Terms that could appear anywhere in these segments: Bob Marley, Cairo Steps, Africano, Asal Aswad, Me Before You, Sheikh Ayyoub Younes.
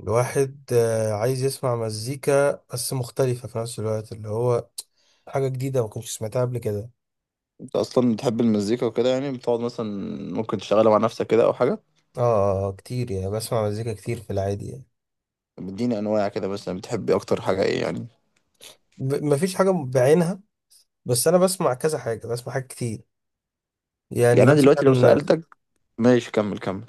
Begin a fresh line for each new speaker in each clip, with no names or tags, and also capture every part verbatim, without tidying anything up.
الواحد آه، عايز يسمع مزيكا بس مختلفة في نفس الوقت اللي هو حاجة جديدة ما كنتش سمعتها قبل كده.
انت اصلا بتحب المزيكا وكده، يعني بتقعد مثلا ممكن تشتغلها مع نفسك كده او حاجه؟
اه آه، آه، كتير يعني بسمع مزيكا كتير في العادي يعني.
بتديني انواع كده، مثلا بتحب اكتر حاجه ايه يعني؟
ب- مفيش حاجة بعينها، بس أنا بسمع كذا حاجة، بسمع حاجات كتير يعني
يعني انا دلوقتي لو
مثلا.
سالتك. ماشي كمل كمل.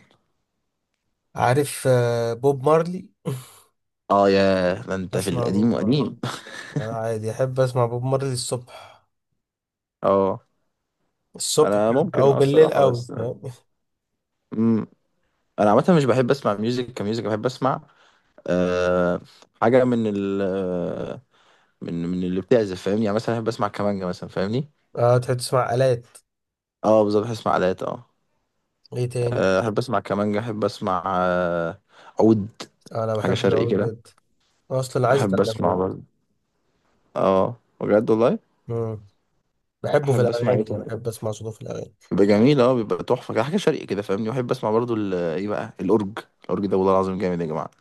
عارف آه، بوب مارلي
اه، يا ده انت في
أسمع بوب
القديم
مارلي،
وقديم
أنا عادي أحب أسمع بوب مارلي الصبح،
اه
الصبح
انا ممكن،
أو
اه
بالليل
الصراحه
أوي،
بس.
فاهم؟
امم انا عامه مش بحب اسمع ميوزك كميوزك، بحب اسمع أه حاجه من ال من من اللي بتعزف فاهمني، يعني مثلا بحب اسمع كمانجه مثلا فاهمني.
اه، تحب تسمع آلات.
اه بالظبط، بحب اسمع آلات اه.
إيه تاني؟
آه، احب اسمع كمانجا، احب اسمع آه، عود،
آه، أنا
حاجه
بحب
شرقي
العود
كده،
جدا، أصلا عايز
احب اسمع
أتعلم
برضه اه، بجد والله.
عود. بحبه في
احب اسمع ايه
الأغاني، يعني
تاني.
بحب أسمع صوته في الأغاني.
بيبقى جميل اه، بيبقى تحفه كده، حاجه شرقي كده فاهمني. واحب اسمع برضه ال- ايه بقى الاورج. الاورج ده والله العظيم جامد يا جماعه.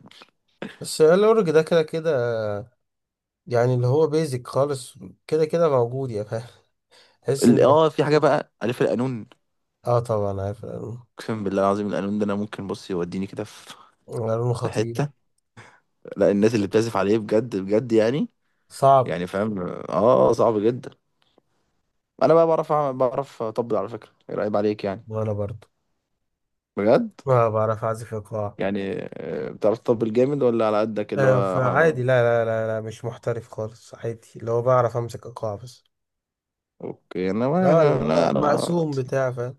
بس الأورج ده كده كده، يعني اللي هو بيزك خالص، كده كده موجود، يا فاهم. تحس
ال-
إن،
اه في حاجه بقى الف القانون.
آه طبعا عارف القانون.
اقسم بالله العظيم، القانون ده انا ممكن بص يوديني كده في
القانون
في
خطير،
حته. لا، الناس اللي بتعزف عليه بجد بجد يعني.
صعب.
يعني فاهم اه صعب جدا. انا بقى بعرف أعمل- بعرف اطبل على فكره، ايه رايب عليك يعني؟
وأنا برضه
بجد.
ما بعرف أعزف إيقاع.
يعني آه، بتعرف تطبل جامد ولا على قدك اللي
آه
هو ها-
فعادي، لا لا لا لا، مش محترف خالص، عادي اللي هو بعرف أمسك إيقاع بس.
اوكي. انا
آه
يعني
اللي
انا
هو
انا
مقسوم بتاع، فاهم؟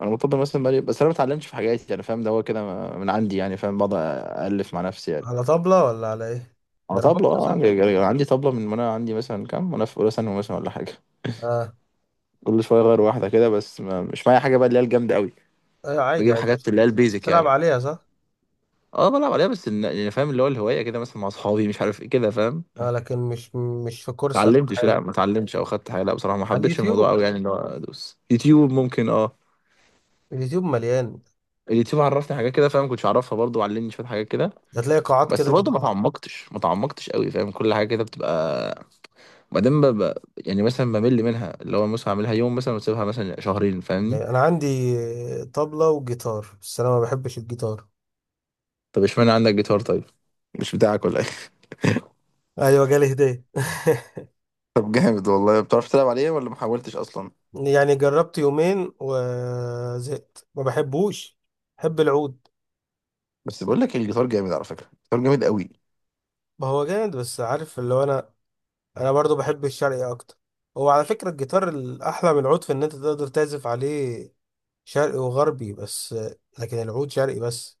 انا مطبل مثلا بقالي، بس انا ما اتعلمتش في حاجاتي يعني فاهم، ده هو كده من عندي يعني فاهم، بقعد الف مع نفسي يعني.
على طبلة ولا على إيه؟
انا طبلة
دربوكة
اه،
صح؟
أنا عندي طبلة من وانا عندي مثلا كام، وانا في اولى ثانوي مثلا ولا حاجة.
آه،
كل شوية اغير واحدة كده، بس ما مش معايا حاجة بقى اللي هي الجامدة قوي.
أيوة عادي
بجيب
عادي
حاجات اللي هي
بس.
البيزك
بتلعب
يعني.
عليها صح؟
اه بلعب عليها، بس إن- يعني فاهم اللي هو الهواية كده، مثلا مع اصحابي مش عارف ايه كده فاهم، ما
آه، لكن مش مش في كورس أو
اتعلمتش.
حاجة.
لا ما اتعلمتش او خدت حاجة، لا بصراحة ما
على
حبيتش الموضوع
اليوتيوب،
قوي يعني، اللي هو ادوس يوتيوب ممكن اه.
اليوتيوب مليان،
اليوتيوب عرفني حاجات كده فاهم، ما كنتش اعرفها برضه، وعلمني شويه حاجات كده.
هتلاقي قاعات
بس
كده
برضه ما
جديدة.
تعمقتش ما تعمقتش قوي فاهم، كل حاجه كده بتبقى بعدين ببقى يعني مثلا بمل منها. اللي هو مثلا اعملها يوم مثلا واسيبها مثلا شهرين فاهمني.
يعني أنا عندي طبلة وجيتار، بس أنا ما بحبش الجيتار.
طب اشمعنى عندك جيتار طيب؟ مش بتاعك ولا ايه؟
أيوة جالي هدية.
طب جامد والله، بتعرف تلعب عليه ولا ما حاولتش اصلا؟
يعني جربت يومين وزهقت، ما بحبوش، بحب العود.
بس بقول لك الجيتار جامد على فكره، الجيتار جامد قوي.
ما هو جامد، بس عارف اللي هو أنا، أنا برضو بحب الشرقي أكتر. هو على فكرة الجيتار الأحلى من العود في إن أنت تقدر تعزف عليه شرقي وغربي، بس لكن العود شرقي بس.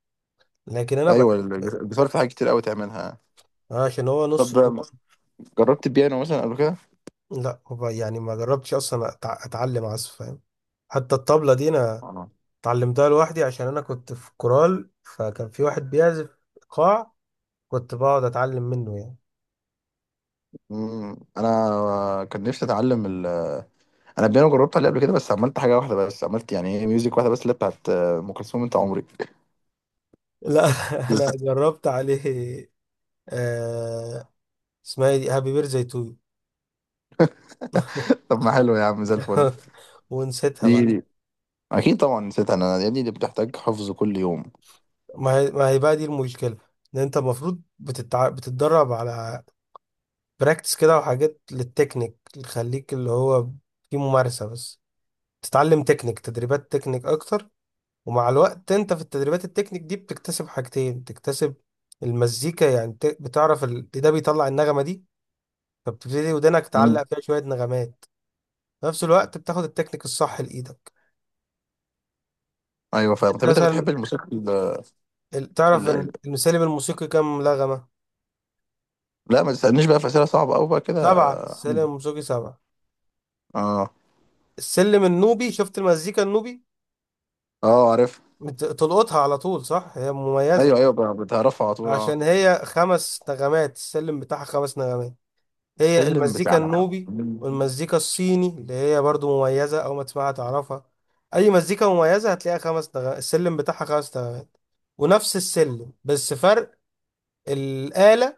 لكن أنا
ايوه،
بحب
الج- الجيتار في حاجات كتير قوي تعملها.
آه، عشان هو
طب
نص طول.
جربت البيانو مثلا قبل كده؟
لا هو يعني ما جربتش اصلا أتع- اتعلم عزف، فاهم؟ حتى الطبلة دي انا
آه.
اتعلمتها لوحدي، عشان انا كنت في كورال، فكان في واحد بيعزف ايقاع، كنت بقعد اتعلم منه يعني.
مم، انا كان نفسي اتعلم. انا بيانو جربت عليه قبل كده، بس عملت حاجه واحده بس، عملت يعني ايه ميوزك واحده بس اللي بتاعت آه، ام كلثوم انت عمري
لا انا جربت عليه آه. اسمها ايه دي؟ هابي بير زي تو يو.
طب ما حلو يا عم، زي الفل.
ونسيتها
دي
بعد.
دي اكيد طبعا نسيتها، انا يا ابني دي بتحتاج حفظ كل يوم.
ما هي ما هي بقى دي المشكلة، ان انت المفروض بتتع... بتتدرب على براكتس كده وحاجات للتكنيك، اللي تخليك اللي هو في ممارسة بس، تتعلم تكنيك، تدريبات تكنيك اكتر. ومع الوقت انت في التدريبات التكنيك دي بتكتسب حاجتين، بتكتسب المزيكا، يعني بت- بتعرف ال... ده بيطلع النغمة دي، فبتبتدي ودنك
امم
تعلق فيها شوية نغمات. في نفس الوقت بتاخد التكنيك الصح لإيدك.
ايوه
انت
فاهم. طب انت
مثلا،
بتحب الموسيقى ال...
ال- تعرف
ال...
ان
ال...
السلم الموسيقي كام نغمة؟
لا ما تسالنيش بقى، في اسئله صعبه قوي بقى كده.
سبعة، السلم الموسيقي سبعة.
اه.
السلم النوبي، شفت المزيكا النوبي؟
اه عارف.
بت- تلقطها على طول صح، هي مميزة.
ايوه ايوه بقى بتعرفها على طول اه.
عشان هي خمس نغمات، السلم بتاعها خمس نغمات، هي
السلم
المزيكا
بتاع.
النوبي. والمزيكا الصيني اللي هي برضو مميزة، أو ما تسمعها تعرفها. أي مزيكا مميزة هتلاقيها خمس نغمات، السلم بتاعها خمس نغمات ونفس السلم، بس فرق الآلة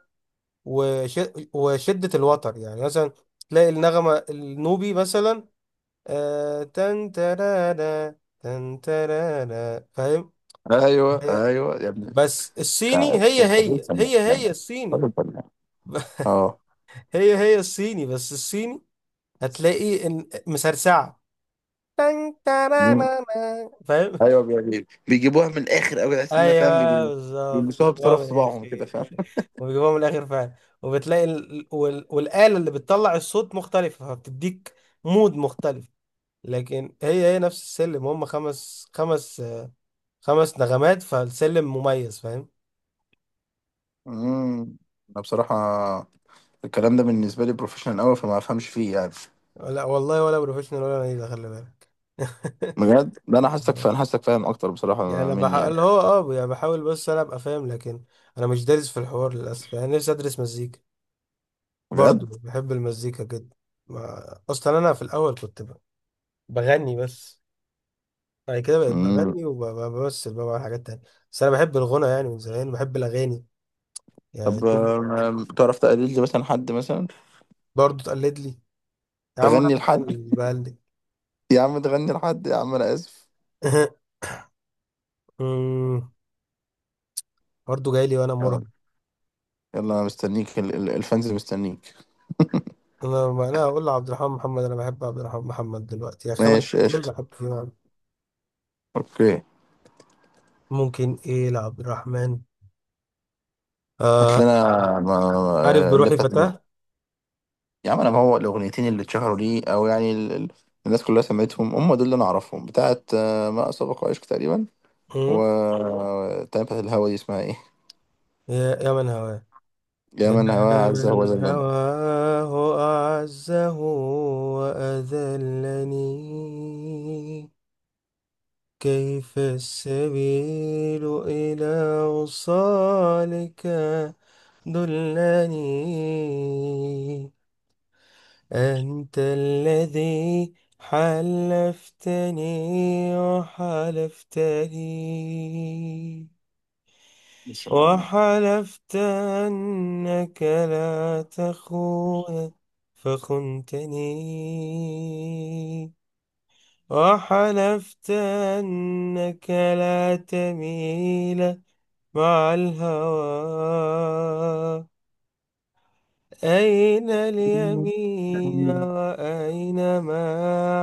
وش... وشدة الوتر. يعني مثلا تلاقي النغمة النوبي مثلا آه... تن ترانا تن ترانا، فاهم؟
ايوه
هي،
ايوه يا ابني.
بس الصيني
بتاع
هي هي
الفنان،
هي هي الصيني
راجل فنان. اه.
هي هي الصيني، بس الصيني هتلاقي إن- مسرسعة، تن ترانانا. فاهم؟
ايوه بيعجبني، بيجيبوها من الاخر قوي، تحس انها فاهم
ايوه
بيبي-
بالظبط
بيلبسوها
بيجيبوها
بطرف
من الاخر
صباعهم كده فاهم.
وبيجيبوها من الاخر فعلا. وبتلاقي ال... وال... والاله اللي بتطلع الصوت مختلفه، فبتديك مود مختلف. لكن هي هي نفس السلم، هم خمس، خمس خمس نغمات، فالسلم مميز، فاهم؟
امم انا بصراحه الكلام ده بالنسبه لي بروفيشنال قوي، فما افهمش فيه يعني.
لا والله، ولا بروفيشنال ولا نيلة، خلي بالك.
بجد ده انا حاسك فاهم، حاسك فاهم اكتر
يعني
بصراحه
انا
مني يعني.
بحاول، هو اه يعني بحاول، بس انا ابقى فاهم. لكن انا مش دارس في الحوار للاسف، يعني نفسي ادرس مزيكا، برضو
بجد.
بحب المزيكا جدا. ما... اصلا انا في الاول كنت ب... بغني بس، بعد كده بقيت
امم
بغني وبمثل بقى، بعمل حاجات تانية. بس انا بحب الغنى، يعني من زمان بحب الاغاني، يعني
طب،
طول الوقت.
آم، تعرف تقلد لي مثلا حد مثلا؟
برضو تقلد لي؟ يا عم انا
تغني لحد،
بغني بقلد.
يا عم تغني لحد يا عم انا اسف.
أمم، برضو جاي لي وانا
يلا
مراهق.
يلا، انا مستنيك. ال- ال- الفانز مستنيك.
انا، ما انا اقول لعبد الرحمن محمد، انا بحب عبد الرحمن محمد دلوقتي، يعني خمس
ماشي
دول
قشطة.
بحب فيهم.
اوكي
ممكن ايه لعبد الرحمن؟
هات
آه،
لنا. ما- ما-
عارف
آه، اللي
بروحي
بتاعت.
فتاة؟
يا عم انا ما هو الاغنيتين اللي اتشهروا ليه، او يعني ال... ال- الناس كلها سمعتهم، هم دول اللي انا اعرفهم، بتاعت آه، ما اسبق وعشق تقريبا، و
أمم،
بتاعت بتاعت الهوا دي اسمها ايه؟
يا يا من هواه.
يا من هواه
أنا
عز هو
من
ذلنا.
هواه أعزه وأذلني، كيف السبيل إلى وصالك دلني، أنت الذي حلفتني، وحلفتني
السلام.
وحلفت أنك لا تخون فخنتني، وحلفت أنك لا تميل مع الهوى، أين اليمين وأين ما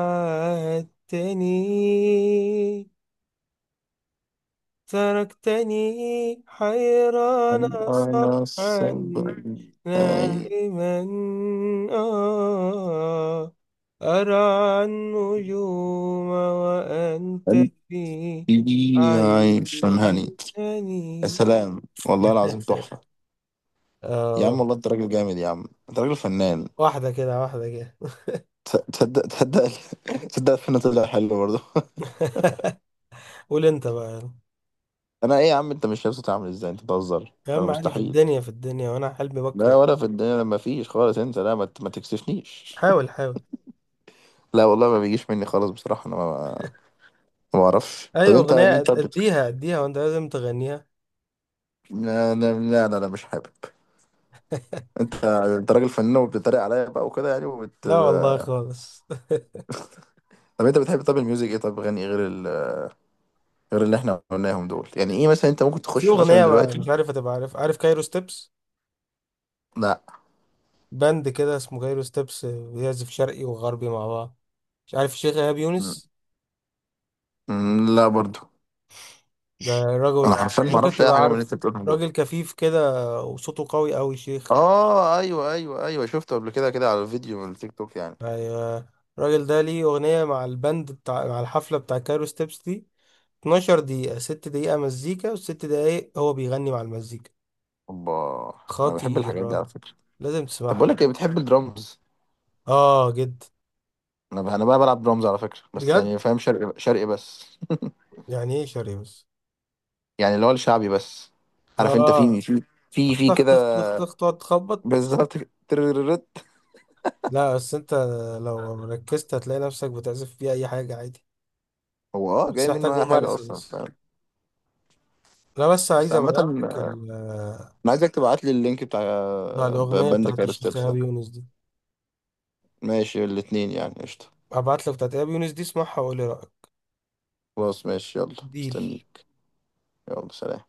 عاهدتني، تركتني حيران
هل انا
صبحا
الصبر. أي.
نائما آه، أرعى النجوم وأنت في
قلبي عايش
عيش
هاني. يا
هني.
سلام، والله العظيم تحفة. يا عم
آه،
والله انت راجل جامد، يا عم انت راجل فنان.
واحدة كده واحدة كده.
تصدق تصدق، تصدق الفن طلع حلو برضه.
قول أنت بقى يلا.
انا ايه يا عم؟ انت مش شايف صوتي عامل ازاي؟ انت بتهزر،
يا
انا
عم عادي، في
مستحيل.
الدنيا في الدنيا وأنا حلمي بكرة
لا
يعني.
ولا في الدنيا، لما فيش خالص، انت لا ما ت- ما تكسفنيش.
حاول، حاول.
لا والله، ما بيجيش مني خالص بصراحة، انا ما ما بعرفش.
أي
طب انت
أغنية
مين؟
أد-
طب بت-
أديها، أديها وأنت لازم تغنيها.
لا لا لا لا, لا مش حابب. انت انت راجل فنان، وبتتريق عليا بقى وكده يعني، وبت
لا والله خالص.
طب انت بتحب، طب الميوزك ايه؟ طب غني غير ال... غير اللي احنا قلناهم دول، يعني ايه مثلا انت ممكن
في
تخش مثلا
اغنيه،
دلوقتي؟
مش عارف هتبقى عارف، عارف كايرو ستيبس؟
لا
باند كده اسمه كايرو ستيبس، بيعزف شرقي وغربي مع بعض. مش عارف الشيخ ايهاب
م-
يونس؟
م- لا برضو.
ده
انا
راجل
حرفيا ما
ممكن
اعرفش اي
تبقى
حاجة من اللي انت
عارفه،
بتقولها.
راجل كفيف كده وصوته قوي قوي، شيخ.
اه ايوه ايوه ايوه، شفته قبل كده كده على الفيديو من التيك توك يعني.
ايوه، الراجل ده ليه اغنيه مع الباند بتاع، مع الحفله بتاع كايرو ستيبس دي، اتناشر دقيقه، ستة دقيقه مزيكا و6 دقايق هو بيغني مع المزيكا.
اوبا. انا بحب الحاجات دي على
خطيره،
فكره.
لازم
طب بقول لك
تسمعها.
ايه، بتحب الدرامز؟
اه جد.
انا بقى انا بقى بلعب درامز على فكره، بس
بجد؟
يعني فاهم شرقي شرقي بس.
يعني ايه شرقي بس؟
يعني اللي هو الشعبي بس. عارف انت
اه،
في في في في
طخ
كده.
طخ طخ طخ، تقعد تخبط.
بالظبط ترررت.
لا بس انت لو ركزت هتلاقي نفسك بتعزف فيها اي حاجة عادي،
هو اه
بس
جاي
محتاج
منه اي حاجه
ممارسة
اصلا
بس.
فاهم.
انا بس
بس
عايز
عامة
ابعت لك ال-
انا عايزك تبعت لي اللينك بتاع
بتاع
ب-
الاغنية
بند
بتاعت
كايرو
الشيخ
ستيبس
ايهاب
ده.
يونس دي،
ماشي الاتنين يعني قشطة.
هبعت لك بتاعت ايهاب يونس دي، اسمعها وقول لي رأيك.
خلاص ماشي، يلا
ديل
مستنيك. يلا سلام.